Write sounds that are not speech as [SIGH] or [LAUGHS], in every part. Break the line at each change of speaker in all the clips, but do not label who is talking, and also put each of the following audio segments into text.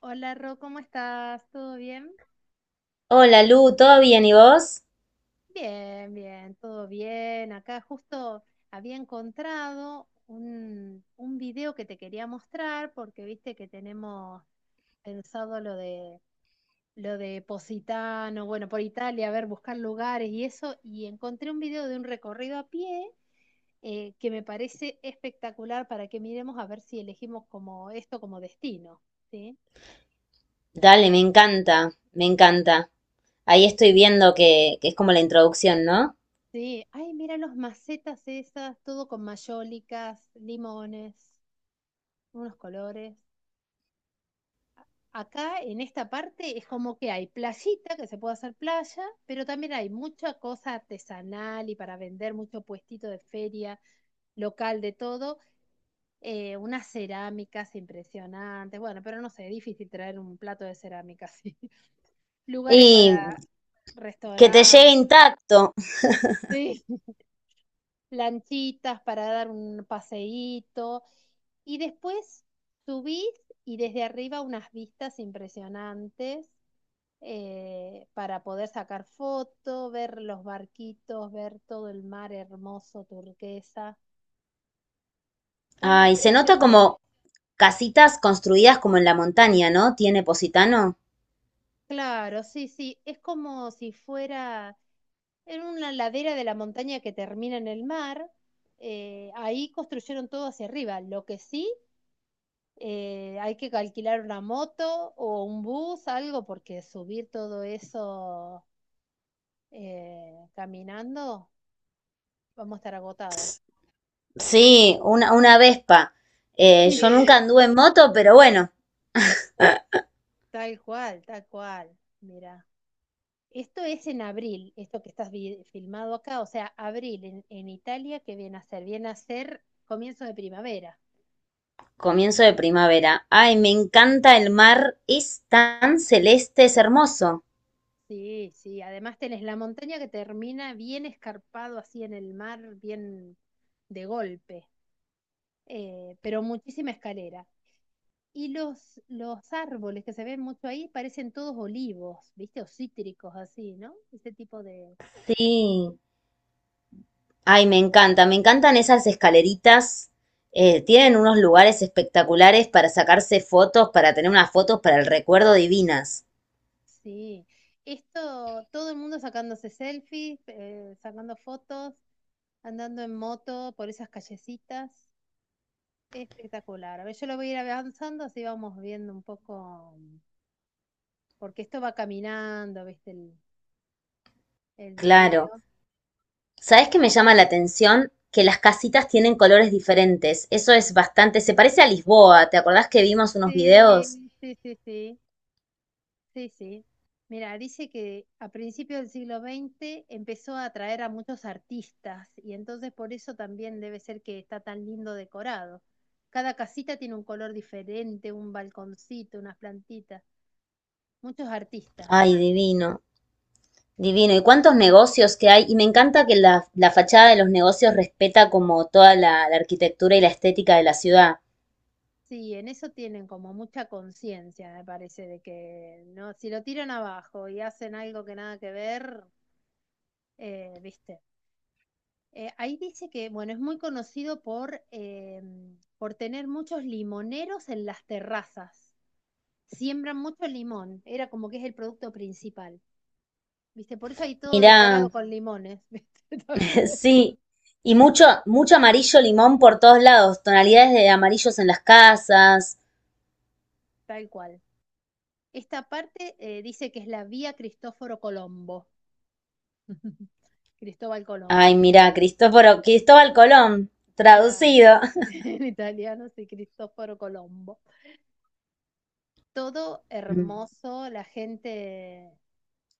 Hola Ro, ¿cómo estás? ¿Todo bien?
Hola Lu, ¿todo bien y vos?
Bien, bien, todo bien. Acá justo había encontrado un video que te quería mostrar porque viste que tenemos pensado lo de Positano, bueno, por Italia, a ver, buscar lugares y eso, y encontré un video de un recorrido a pie que me parece espectacular para que miremos a ver si elegimos como esto como destino, ¿sí?
Dale, me encanta, me encanta. Ahí estoy viendo que es como la introducción, ¿no?
Sí, ay, mira los macetas esas, todo con mayólicas, limones, unos colores. Acá en esta parte es como que hay playita, que se puede hacer playa, pero también hay mucha cosa artesanal y para vender, mucho puestito de feria, local de todo, unas cerámicas impresionantes. Bueno, pero no sé, es difícil traer un plato de cerámica. [LAUGHS] Sí. Lugares
Y
para
que te llegue
restaurantes.
intacto.
Lanchitas para dar un paseíto. Y después subís y desde arriba unas vistas impresionantes, para poder sacar foto, ver los barquitos, ver todo el mar hermoso, turquesa. Una
Ay, se nota
preciosura.
como casitas construidas como en la montaña, ¿no? ¿Tiene Positano?
Claro, sí, sí. Es como si fuera en una ladera de la montaña que termina en el mar. Ahí construyeron todo hacia arriba. Lo que sí, hay que alquilar una moto o un bus, algo, porque subir todo eso caminando, vamos a estar agotadas.
Sí, una Vespa. Eh,
Sí.
yo nunca
[LAUGHS]
anduve en moto, pero bueno,
Tal cual, tal cual. Mira, esto es en abril, esto que estás filmado acá, o sea, abril en Italia, ¿qué viene a ser? Viene a ser comienzo de primavera.
comienzo de primavera. Ay, me encanta el mar, es tan celeste, es hermoso.
Sí, sí, además tenés la montaña que termina bien escarpado así en el mar, bien de golpe, pero muchísima escalera. Y los árboles que se ven mucho ahí parecen todos olivos, ¿viste? O cítricos, así, ¿no? Ese tipo de...
Sí. Ay, me encanta, me encantan esas escaleritas. Tienen unos lugares espectaculares para sacarse fotos, para tener unas fotos para el recuerdo divinas.
Sí. Esto, todo el mundo sacándose selfies, sacando fotos, andando en moto por esas callecitas. Espectacular. A ver, yo lo voy a ir avanzando, así vamos viendo un poco, porque esto va caminando, ¿viste? El
Claro.
video.
¿Sabes qué me llama la atención? Que las casitas tienen colores diferentes. Eso es bastante, se parece a Lisboa. ¿Te acordás que vimos unos videos?
Sí, sí, sí, sí. Sí, sí. Mira, dice que a principios del siglo XX empezó a atraer a muchos artistas y entonces por eso también debe ser que está tan lindo decorado. Cada casita tiene un color diferente, un balconcito, unas plantitas, muchos artistas.
Ay, divino, divino. ¿Y cuántos negocios que hay? Y me encanta que la fachada de los negocios respeta como toda la arquitectura y la estética de la ciudad.
Sí, en eso tienen como mucha conciencia, me parece, de que no, si lo tiran abajo y hacen algo que nada que ver, viste. Ahí dice que, bueno, es muy conocido por tener muchos limoneros en las terrazas. Siembran mucho limón, era como que es el producto principal, ¿viste? Por eso hay todo
Mirá,
decorado con limones, [LAUGHS] ¿viste? También,
sí, y mucho, mucho amarillo limón por todos lados, tonalidades de amarillos en las casas.
tal cual. Esta parte dice que es la vía Cristóforo Colombo, [LAUGHS] Cristóbal Colón,
Ay, mira, Cristóforo, Cristóbal Colón,
claro,
traducido. [LAUGHS]
[LAUGHS] en italiano sí, Cristóforo Colombo. Todo
Mm.
hermoso, la gente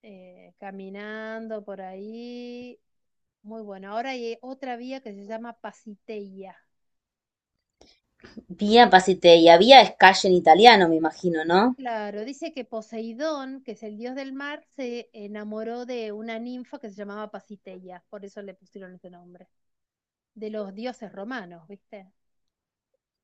caminando por ahí. Muy bueno. Ahora hay otra vía que se llama Pasiteia.
Vía Pasiteia, vía es calle en italiano, me imagino, ¿no?
Claro, dice que Poseidón, que es el dios del mar, se enamoró de una ninfa que se llamaba Pasiteia, por eso le pusieron ese nombre. De los dioses romanos, ¿viste?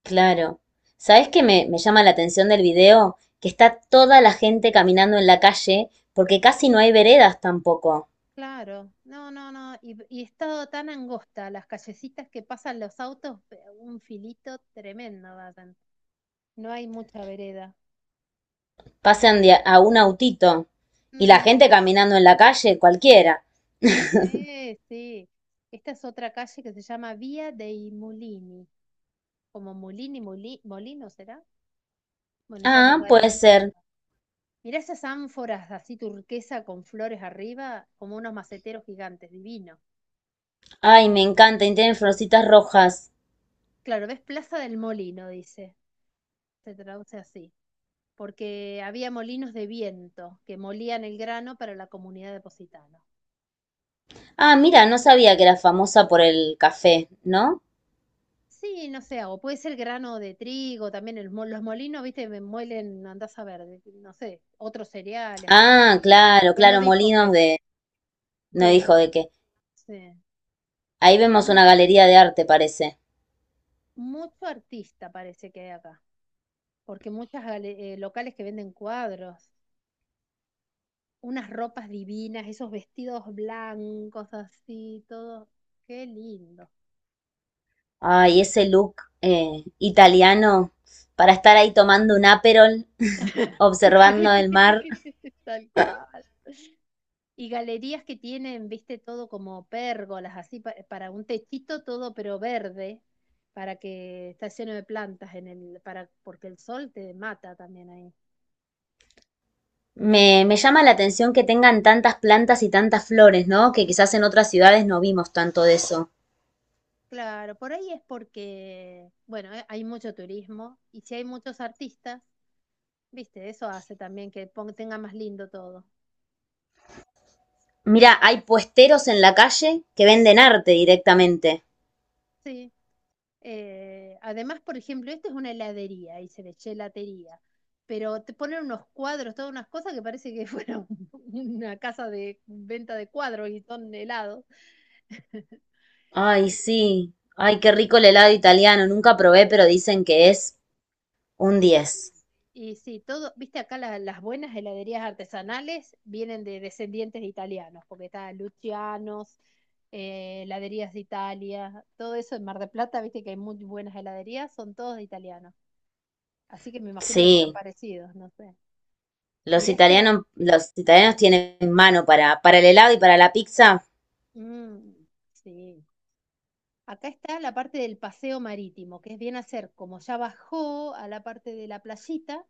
Claro. ¿Sabes qué me llama la atención del video? Que está toda la gente caminando en la calle, porque casi no hay veredas tampoco.
Claro, no, no, no. Y estado tan angosta, las callecitas que pasan los autos, un filito tremendo, hacen. No hay mucha vereda.
Pasan a un autito. Y la
Ujú.
gente caminando en la calle, cualquiera.
Sí, sí. Esta es otra calle que se llama Vía dei Mulini. Como Mulini, Molino, ¿será? Bueno, ya nos
Ah, puede
daremos
ser.
cuenta. Mirá esas ánforas así turquesa con flores arriba, como unos maceteros gigantes, divino.
Ay, me encanta, y tienen florcitas rojas.
Claro, ves Plaza del Molino, dice. Se traduce así. Porque había molinos de viento que molían el grano para la comunidad de Positano.
Ah, mira, no sabía que era famosa por el café, ¿no?
Sí, no sé, o puede ser grano de trigo, también el los molinos, viste, me muelen, no andás a ver, no sé, otros cereales, otras cosas.
Ah, claro,
Pues no
claro,
dijo
molinos
que,
de... No
sí, no,
dijo de qué.
sí.
Ahí vemos
Un-
una galería de arte, parece.
Mucho artista parece que hay acá, porque muchas locales que venden cuadros, unas ropas divinas, esos vestidos blancos así, todo, qué lindo.
Ay, ese look italiano para estar ahí tomando un Aperol,
[LAUGHS]
observando
Sí,
el mar.
[LAUGHS] tal cual. Y galerías que tienen, viste, todo como pérgolas, así para un techito todo, pero verde, para que está lleno de plantas en el, para, porque el sol te mata también ahí.
Me llama la atención que tengan tantas plantas y tantas flores, ¿no? Que quizás en otras ciudades no vimos tanto de eso.
Claro, por ahí es porque, bueno, hay mucho turismo y si hay muchos artistas, viste, eso hace también que tenga más lindo todo.
Mira, hay puesteros en la calle que venden arte directamente.
Sí. Además, por ejemplo, esta es una heladería y se le gelatería, pero te ponen unos cuadros, todas unas cosas que parece que [LAUGHS] fuera una casa de venta de cuadros y son helados.
Ay, sí. Ay, qué rico el helado italiano. Nunca probé, pero dicen que es un
Sí,
10.
y sí, todo, viste acá las buenas heladerías artesanales vienen de descendientes de italianos, porque está Lucianos, heladerías de Italia, todo eso en Mar del Plata, viste que hay muy buenas heladerías, son todos de italianos. Así que me imagino que serán
Sí.
parecidos, no sé. Mirá este,
Los italianos tienen mano para el helado y para la pizza.
mm, sí. Acá está la parte del paseo marítimo, que es bien hacer como ya bajó a la parte de la playita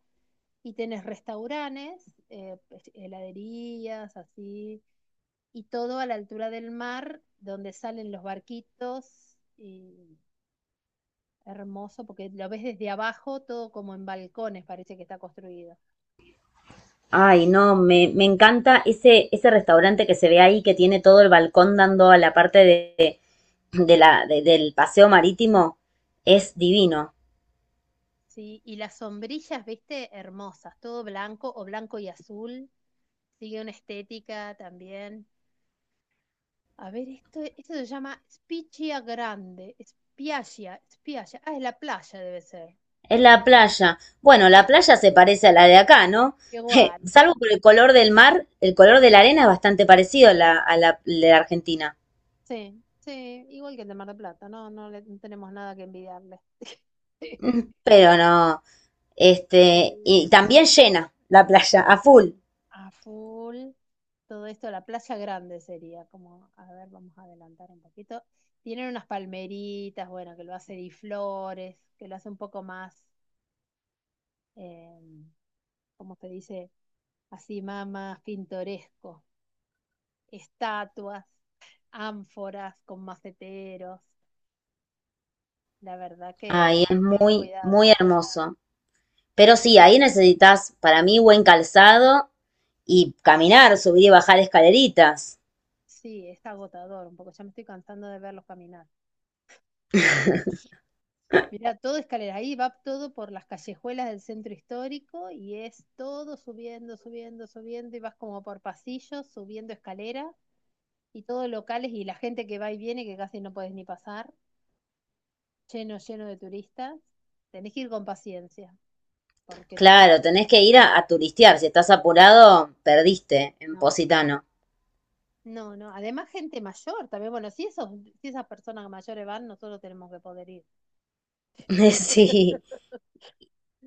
y tenés restaurantes, pues, heladerías, así, y todo a la altura del mar, donde salen los barquitos, y hermoso, porque lo ves desde abajo, todo como en balcones parece que está construido.
Ay, no, me encanta ese, ese restaurante que se ve ahí, que tiene todo el balcón dando a la parte de la, del paseo marítimo. Es divino.
Sí, y las sombrillas, viste, hermosas, todo blanco o blanco y azul, sigue una estética también. A ver, esto se llama Spiaggia Grande. Spiaggia, Spiaggia. Ah, es la playa, debe ser.
Es la playa. Bueno, la
Sí.
playa se parece a la de acá, ¿no?
Igual.
[LAUGHS] Salvo por el color del mar, el color de la arena es bastante parecido a la de Argentina.
Sí, sí, igual que el de Mar del Plata. No, no, no tenemos nada que envidiarle. [LAUGHS]
[LAUGHS] Pero no, este, y
Eh,
también llena la playa, a full.
a full. Todo esto, la playa grande sería como, a ver, vamos a adelantar un poquito. Tienen unas palmeritas, bueno, que lo hace Di Flores, que lo hace un poco más, eh, ¿cómo se dice? Así más, más pintoresco. Estatuas, ánforas con maceteros, la verdad que
Ay, es
muy
muy,
cuidado.
muy hermoso. Pero sí, ahí necesitas, para mí, buen calzado y caminar, subir y bajar escaleritas.
Sí, es agotador un poco, ya me estoy cansando de verlos caminar. [LAUGHS] Mirá, todo escalera, ahí va todo por las callejuelas del centro histórico y es todo subiendo, subiendo, subiendo y vas como por pasillos, subiendo escalera y todos locales y la gente que va y viene que casi no puedes ni pasar, lleno, lleno de turistas. Tenés que ir con paciencia porque tenés
Claro,
que...
tenés que ir
Ya.
a turistear. Si estás apurado, perdiste en
No.
Positano.
No, no. Además, gente mayor también. Bueno, si esas personas mayores van, nosotros tenemos que poder ir.
[LAUGHS] Sí.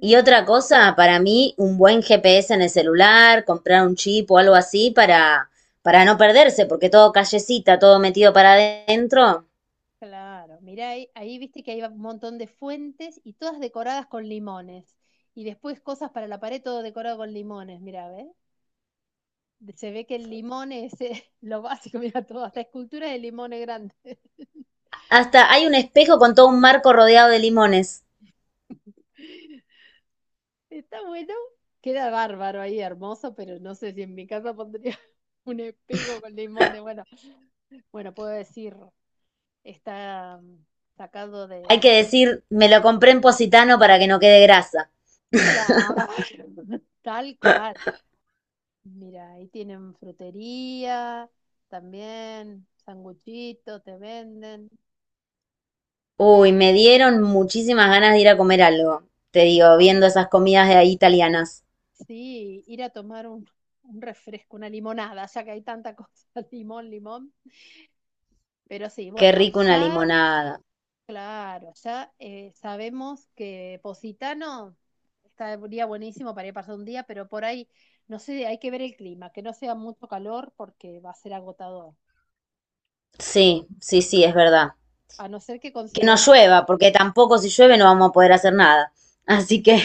Y otra cosa, para mí, un buen GPS en el celular, comprar un chip o algo así para no perderse, porque todo callecita, todo metido para adentro.
Claro. Mirá, ahí viste que hay un montón de fuentes y todas decoradas con limones. Y después cosas para la pared, todo decorado con limones. Mirá, ¿ves? Se ve que el limón es [LAUGHS] lo básico, mira todo, hasta esculturas de limones grandes. [LAUGHS]
Hasta hay un espejo con todo un marco rodeado de limones.
Está bueno, queda bárbaro ahí, hermoso, pero no sé si en mi casa pondría [LAUGHS] un espejo con limones. Bueno, bueno, puedo decir, está sacado
Hay que
de.
decir, me lo compré en Positano para que no quede grasa.
Claro, [LAUGHS] tal cual. Mira, ahí tienen frutería, también sanguchito, te venden.
Uy, me dieron muchísimas ganas de ir a comer algo. Te digo, viendo
Ah,
esas comidas de ahí italianas.
sí, ir a tomar un refresco, una limonada, ya que hay tanta cosa, [LAUGHS] limón, limón. Pero sí,
Qué
bueno,
rico una
ya,
limonada.
claro, ya sabemos que Positano estaría buenísimo para ir a pasar un día, pero por ahí, no sé, hay que ver el clima, que no sea mucho calor porque va a ser agotador.
Sí, sí, sí, es verdad.
A no ser que
Que no
consigamos.
llueva, porque tampoco si llueve no vamos a poder hacer nada. Así que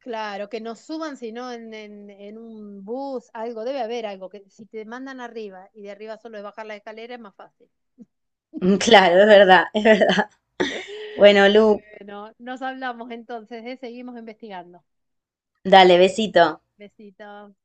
Claro, que no suban, sino en un bus, algo, debe haber algo, que si te mandan arriba y de arriba solo es bajar la escalera es más fácil.
[LAUGHS] Claro, es verdad, es verdad.
[LAUGHS]
Bueno, Lu,
Bueno, nos hablamos entonces, ¿eh? Seguimos investigando.
dale, besito.
Besitos.